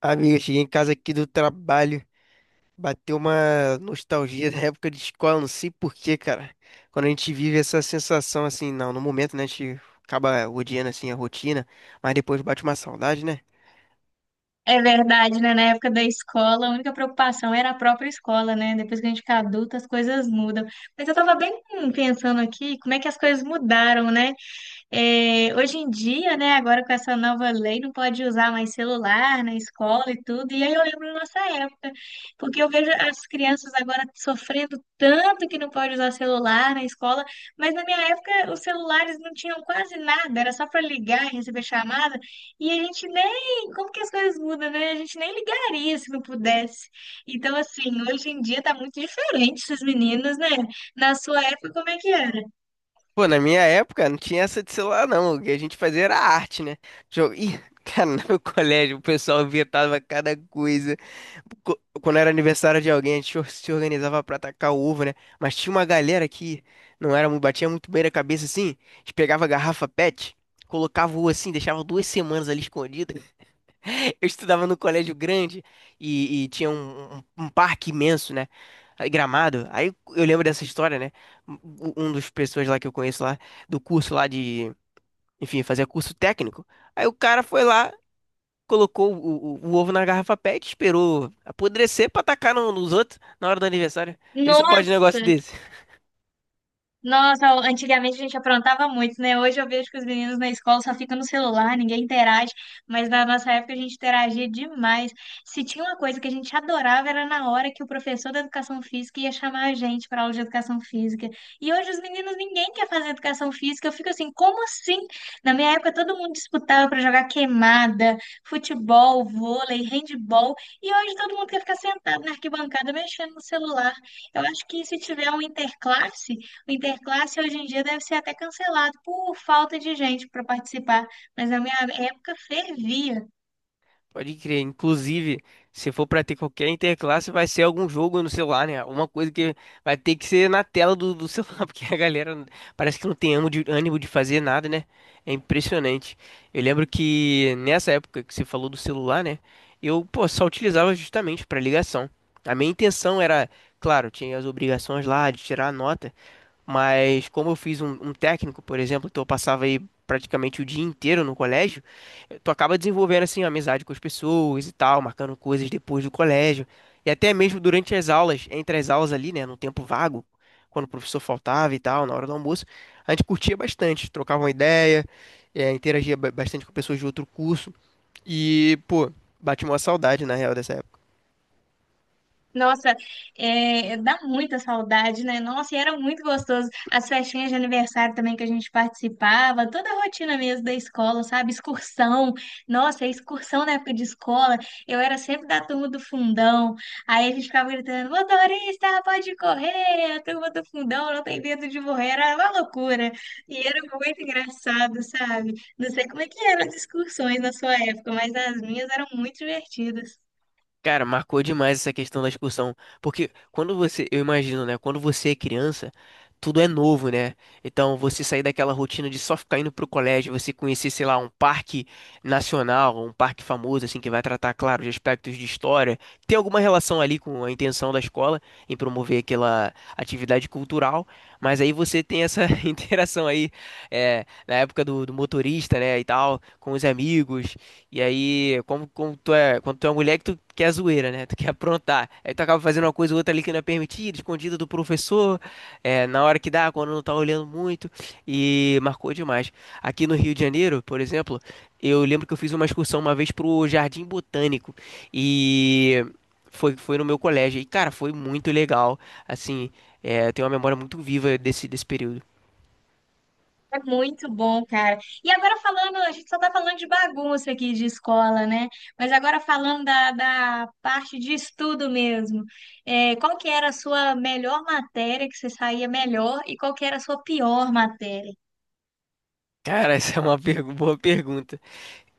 Amiga, eu cheguei em casa aqui do trabalho, bateu uma nostalgia da época de escola, não sei por quê, cara. Quando a gente vive essa sensação assim, não, no momento, né, a gente acaba odiando assim a rotina, mas depois bate uma saudade, né? É verdade, né? Na época da escola, a única preocupação era a própria escola, né? Depois que a gente fica adulta, as coisas mudam. Mas eu tava bem pensando aqui como é que as coisas mudaram, né? É, hoje em dia, né, agora com essa nova lei, não pode usar mais celular na escola e tudo. E aí eu lembro da nossa época, porque eu vejo as crianças agora sofrendo tanto que não pode usar celular na escola, mas na minha época os celulares não tinham quase nada, era só para ligar e receber chamada. E a gente nem, como que as coisas mudam, né? A gente nem ligaria se não pudesse. Então, assim, hoje em dia tá muito diferente esses meninos, né? Na sua época, como é que era? Pô, na minha época não tinha essa de celular não, o que a gente fazia era arte, né? Jogo. Ih, cara, no meu colégio o pessoal inventava cada coisa. Quando era aniversário de alguém, a gente se organizava pra atacar o ovo, né? Mas tinha uma galera que não era muito, batia muito bem na cabeça assim. A gente pegava a garrafa PET, colocava o ovo assim, deixava duas semanas ali escondido. Eu estudava no colégio grande e tinha um parque imenso, né? Aí, Gramado. Aí eu lembro dessa história, né? Um dos pessoas lá que eu conheço lá, do curso lá de, enfim, fazia curso técnico. Aí o cara foi lá colocou o ovo na garrafa PET, esperou apodrecer pra tacar nos outros na hora do aniversário. Vê se pode um Nossa! negócio desse. Nossa, antigamente a gente aprontava muito, né? Hoje eu vejo que os meninos na escola só ficam no celular, ninguém interage, mas na nossa época a gente interagia demais. Se tinha uma coisa que a gente adorava era na hora que o professor da educação física ia chamar a gente para aula de educação física. E hoje os meninos ninguém quer fazer educação física. Eu fico assim, como assim? Na minha época todo mundo disputava para jogar queimada, futebol, vôlei, handball, e hoje todo mundo quer ficar sentado na arquibancada mexendo no celular. Eu acho que se tiver um interclasse o Interclasse hoje em dia deve ser até cancelado por falta de gente para participar, mas na minha época fervia. Pode crer. Inclusive, se for pra ter qualquer interclasse, vai ser algum jogo no celular, né? Alguma coisa que vai ter que ser na tela do celular, porque a galera parece que não tem ânimo de fazer nada, né? É impressionante. Eu lembro que nessa época que você falou do celular, né? Eu, pô, só utilizava justamente pra ligação. A minha intenção era, claro, tinha as obrigações lá de tirar a nota. Mas como eu fiz um técnico, por exemplo, então eu passava aí praticamente o dia inteiro no colégio, tu acaba desenvolvendo assim amizade com as pessoas e tal, marcando coisas depois do colégio e até mesmo durante as aulas, entre as aulas ali, né, no tempo vago, quando o professor faltava e tal, na hora do almoço, a gente curtia bastante, trocava uma ideia, interagia bastante com pessoas de outro curso e pô, bate uma saudade na real dessa época. Nossa, é, dá muita saudade, né? Nossa, e era muito gostoso. As festinhas de aniversário também que a gente participava, toda a rotina mesmo da escola, sabe? Excursão. Nossa, a excursão na época de escola, eu era sempre da turma do fundão. Aí a gente ficava gritando: motorista, pode correr! A turma do fundão não tem medo de morrer. Era uma loucura. E era muito engraçado, sabe? Não sei como é que eram as excursões na sua época, mas as minhas eram muito divertidas. Cara, marcou demais essa questão da excursão, porque quando você, eu imagino, né, quando você é criança, tudo é novo, né? Então, você sair daquela rotina de só ficar indo pro colégio, você conhecer, sei lá, um parque nacional, um parque famoso, assim, que vai tratar, claro, de aspectos de história, tem alguma relação ali com a intenção da escola em promover aquela atividade cultural, mas aí você tem essa interação aí, é, na época do motorista, né, e tal, com os amigos, e aí, como tu é, quando tu é uma mulher que tu quer zoeira, né? Tu quer aprontar. Aí tu acaba fazendo uma coisa ou outra ali que não é permitida, escondida do professor, é, na hora que dá, quando não tá olhando muito. E marcou demais. Aqui no Rio de Janeiro, por exemplo, eu lembro que eu fiz uma excursão uma vez pro Jardim Botânico. E foi no meu colégio. E, cara, foi muito legal. Assim, é, eu tenho uma memória muito viva desse período. É muito bom, cara. E agora falando, a gente só tá falando de bagunça aqui de escola, né? Mas agora falando da parte de estudo mesmo. É, qual que era a sua melhor matéria que você saía melhor e qual que era a sua pior matéria? Cara, essa é uma boa pergunta.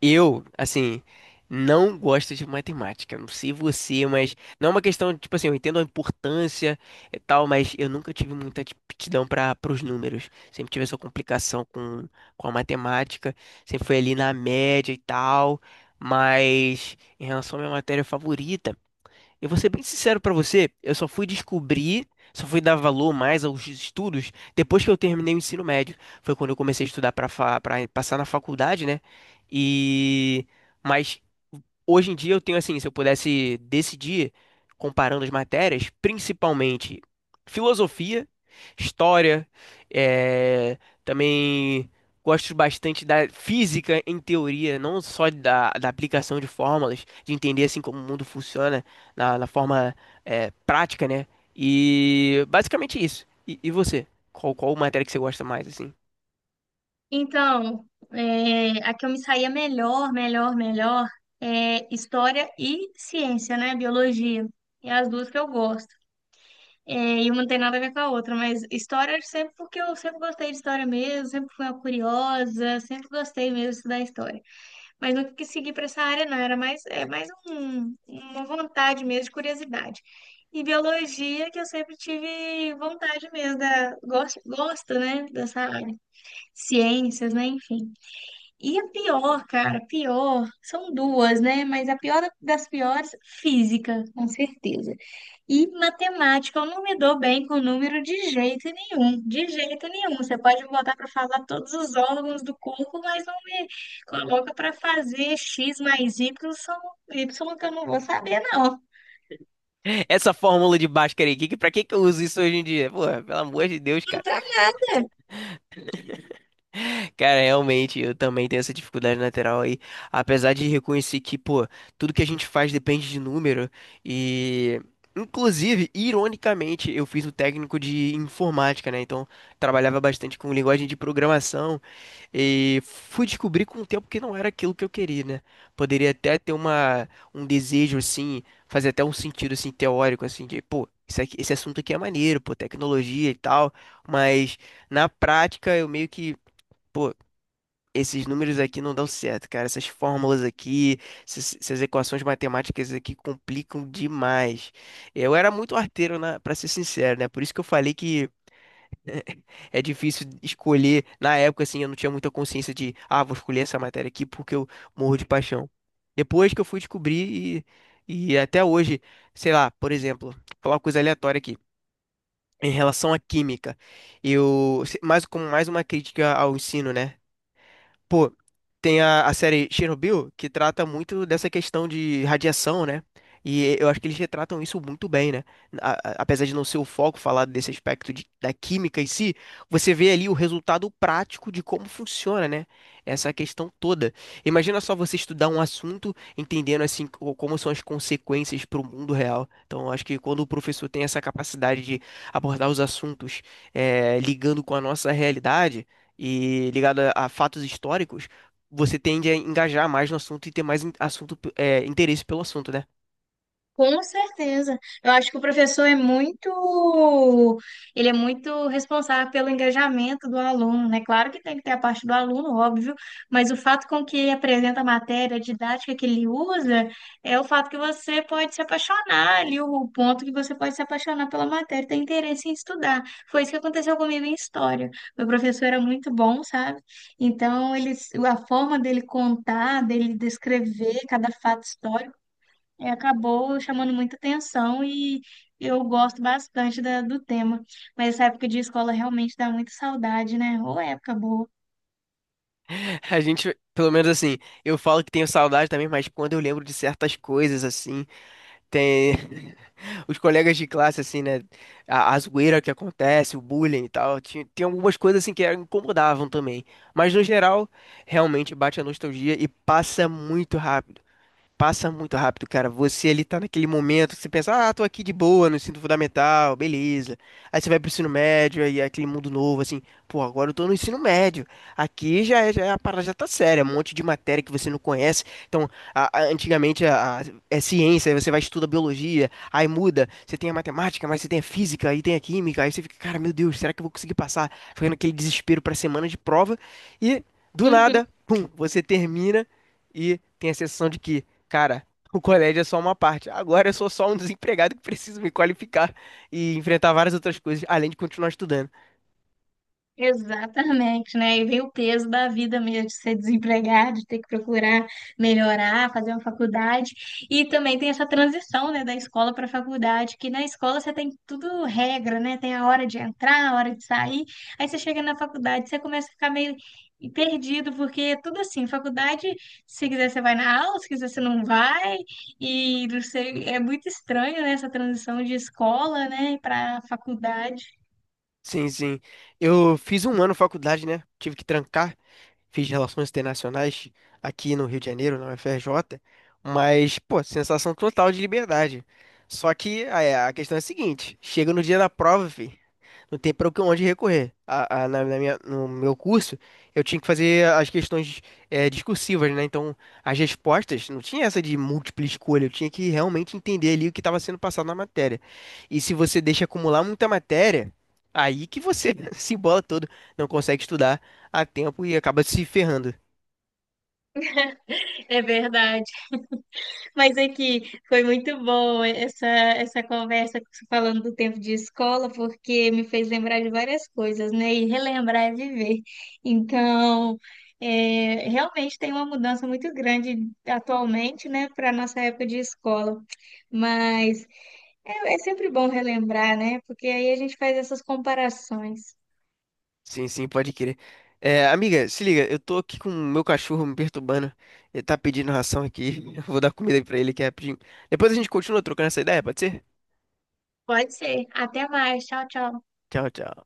Eu, assim, não gosto de matemática. Não sei você, mas não é uma questão, tipo assim, eu entendo a importância e tal, mas eu nunca tive muita aptidão para os números. Sempre tive essa complicação com a matemática, sempre foi ali na média e tal. Mas em relação à minha matéria favorita. Eu vou ser bem sincero pra você, eu só fui descobrir, só fui dar valor mais aos estudos depois que eu terminei o ensino médio. Foi quando eu comecei a estudar para passar na faculdade, né? E mas hoje em dia eu tenho assim, se eu pudesse decidir, comparando as matérias, principalmente filosofia, história, eh, também gosto bastante da física em teoria, não só da aplicação de fórmulas, de entender assim como o mundo funciona na forma prática, né? E basicamente isso. E você? Qual matéria que você gosta mais, assim? Então, é, a que eu me saía melhor, melhor, melhor é história e ciência, né? Biologia. É as duas que eu gosto. É, e uma não tem nada a ver com a outra, mas história sempre porque eu sempre gostei de história mesmo, sempre fui uma curiosa, sempre gostei mesmo de estudar história. Mas nunca quis seguir para essa área, não, era mais, é mais uma vontade mesmo, de curiosidade. E biologia, que eu sempre tive vontade mesmo, da, gosto, gosto, né, dessa área. Ciências, né, enfim. E a pior, cara, a pior, são duas, né? Mas a pior das piores, física, com certeza. E matemática, eu não me dou bem com número de jeito nenhum, de jeito nenhum. Você pode me botar para falar todos os órgãos do corpo, mas não me coloca para fazer x mais y, são y que eu não vou saber, não. Essa fórmula de Bhaskara aí, pra que que eu uso isso hoje em dia? Pô, pelo amor de Deus, Não cara. tá. Cara, realmente, eu também tenho essa dificuldade lateral aí. Apesar de reconhecer que, pô, tudo que a gente faz depende de número. E, inclusive, ironicamente, eu fiz o técnico de informática, né? Então, trabalhava bastante com linguagem de programação. E fui descobrir com o tempo que não era aquilo que eu queria, né? Poderia até ter um desejo, assim, fazer até um sentido, assim, teórico, assim, de, pô. Isso aqui, esse assunto aqui é maneiro, pô, tecnologia e tal, mas na prática eu meio que. Pô, esses números aqui não dão certo, cara. Essas fórmulas aqui, essas equações matemáticas aqui complicam demais. Eu era muito arteiro, para ser sincero, né? Por isso que eu falei que é difícil escolher. Na época, assim, eu não tinha muita consciência de, ah, vou escolher essa matéria aqui porque eu morro de paixão. Depois que eu fui descobrir e até hoje, sei lá, por exemplo, vou falar uma coisa aleatória aqui. Em relação à química, eu, mais como mais uma crítica ao ensino, né? Pô, tem a série Chernobyl, que trata muito dessa questão de radiação, né? E eu acho que eles retratam isso muito bem, né? Apesar de não ser o foco falar desse aspecto da química em si, você vê ali o resultado prático de como funciona, né? Essa questão toda. Imagina só você estudar um assunto entendendo assim como são as consequências para o mundo real. Então, eu acho que quando o professor tem essa capacidade de abordar os assuntos ligando com a nossa realidade e ligado a fatos históricos você tende a engajar mais no assunto e ter mais assunto, é, interesse pelo assunto, né? Com certeza. Eu acho que o professor é muito, ele é muito responsável pelo engajamento do aluno, né? Claro que tem que ter a parte do aluno, óbvio, mas o fato com que ele apresenta a matéria, a didática que ele usa, é o fato que você pode se apaixonar ali, o ponto que você pode se apaixonar pela matéria, ter interesse em estudar. Foi isso que aconteceu comigo em história. Meu professor era muito bom, sabe? Então, ele, a forma dele contar, dele descrever cada fato histórico é, acabou chamando muita atenção e eu gosto bastante do tema. Mas essa época de escola realmente dá muita saudade, né? Ou época boa. A gente, pelo menos assim, eu falo que tenho saudade também, mas quando eu lembro de certas coisas, assim, tem os colegas de classe, assim, né? A zoeira que acontece, o bullying e tal, tem algumas coisas, assim, que incomodavam também. Mas no geral, realmente bate a nostalgia e passa muito rápido. Passa muito rápido, cara. Você ali tá naquele momento, você pensa, ah, tô aqui de boa no ensino fundamental, beleza. Aí você vai pro ensino médio, aí é aquele mundo novo, assim, pô, agora eu tô no ensino médio. Aqui já, a parada já tá séria, é um monte de matéria que você não conhece. Então, antigamente é ciência, aí você vai estudar biologia, aí muda, você tem a matemática, mas você tem a física, aí tem a química, aí você fica, cara, meu Deus, será que eu vou conseguir passar? Fica naquele desespero pra semana de prova, e do Uhum. nada, pum, você termina e tem a sensação de que. Cara, o colégio é só uma parte. Agora eu sou só um desempregado que preciso me qualificar e enfrentar várias outras coisas, além de continuar estudando. Exatamente, né? E vem o peso da vida mesmo, de ser desempregado, de ter que procurar melhorar, fazer uma faculdade. E também tem essa transição, né, da escola para a faculdade, que na escola você tem tudo regra, né? Tem a hora de entrar, a hora de sair. Aí você chega na faculdade, você começa a ficar meio perdido, porque é tudo assim, faculdade, se quiser você vai na aula, se quiser você não vai. E não sei, é muito estranho, né, essa transição de escola, né, para faculdade. Sim, sim. Eu fiz um ano de faculdade, né? Tive que trancar. Fiz Relações Internacionais aqui no Rio de Janeiro, na UFRJ. Mas, pô, sensação total de liberdade. Só que é, a questão é a seguinte: chega no dia da prova, fi. Não tem para onde recorrer. No meu curso, eu tinha que fazer as questões discursivas, né? Então, as respostas, não tinha essa de múltipla escolha, eu tinha que realmente entender ali o que estava sendo passado na matéria. E se você deixa acumular muita matéria, aí que você se embola todo, não consegue estudar a tempo e acaba se ferrando. É verdade. Mas aqui foi muito bom essa conversa falando do tempo de escola, porque me fez lembrar de várias coisas, né? E relembrar é viver. Então, é, realmente tem uma mudança muito grande atualmente, né, para a nossa época de escola. Mas é, é sempre bom relembrar, né? Porque aí a gente faz essas comparações. Sim, sim, pode crer. Amiga, se liga, eu tô aqui com o meu cachorro me perturbando. Ele tá pedindo ração aqui. Eu vou dar comida aí pra ele aqui rapidinho. Depois a gente continua trocando essa ideia, pode ser? Pode ser. Até mais. Tchau, tchau. Tchau, tchau.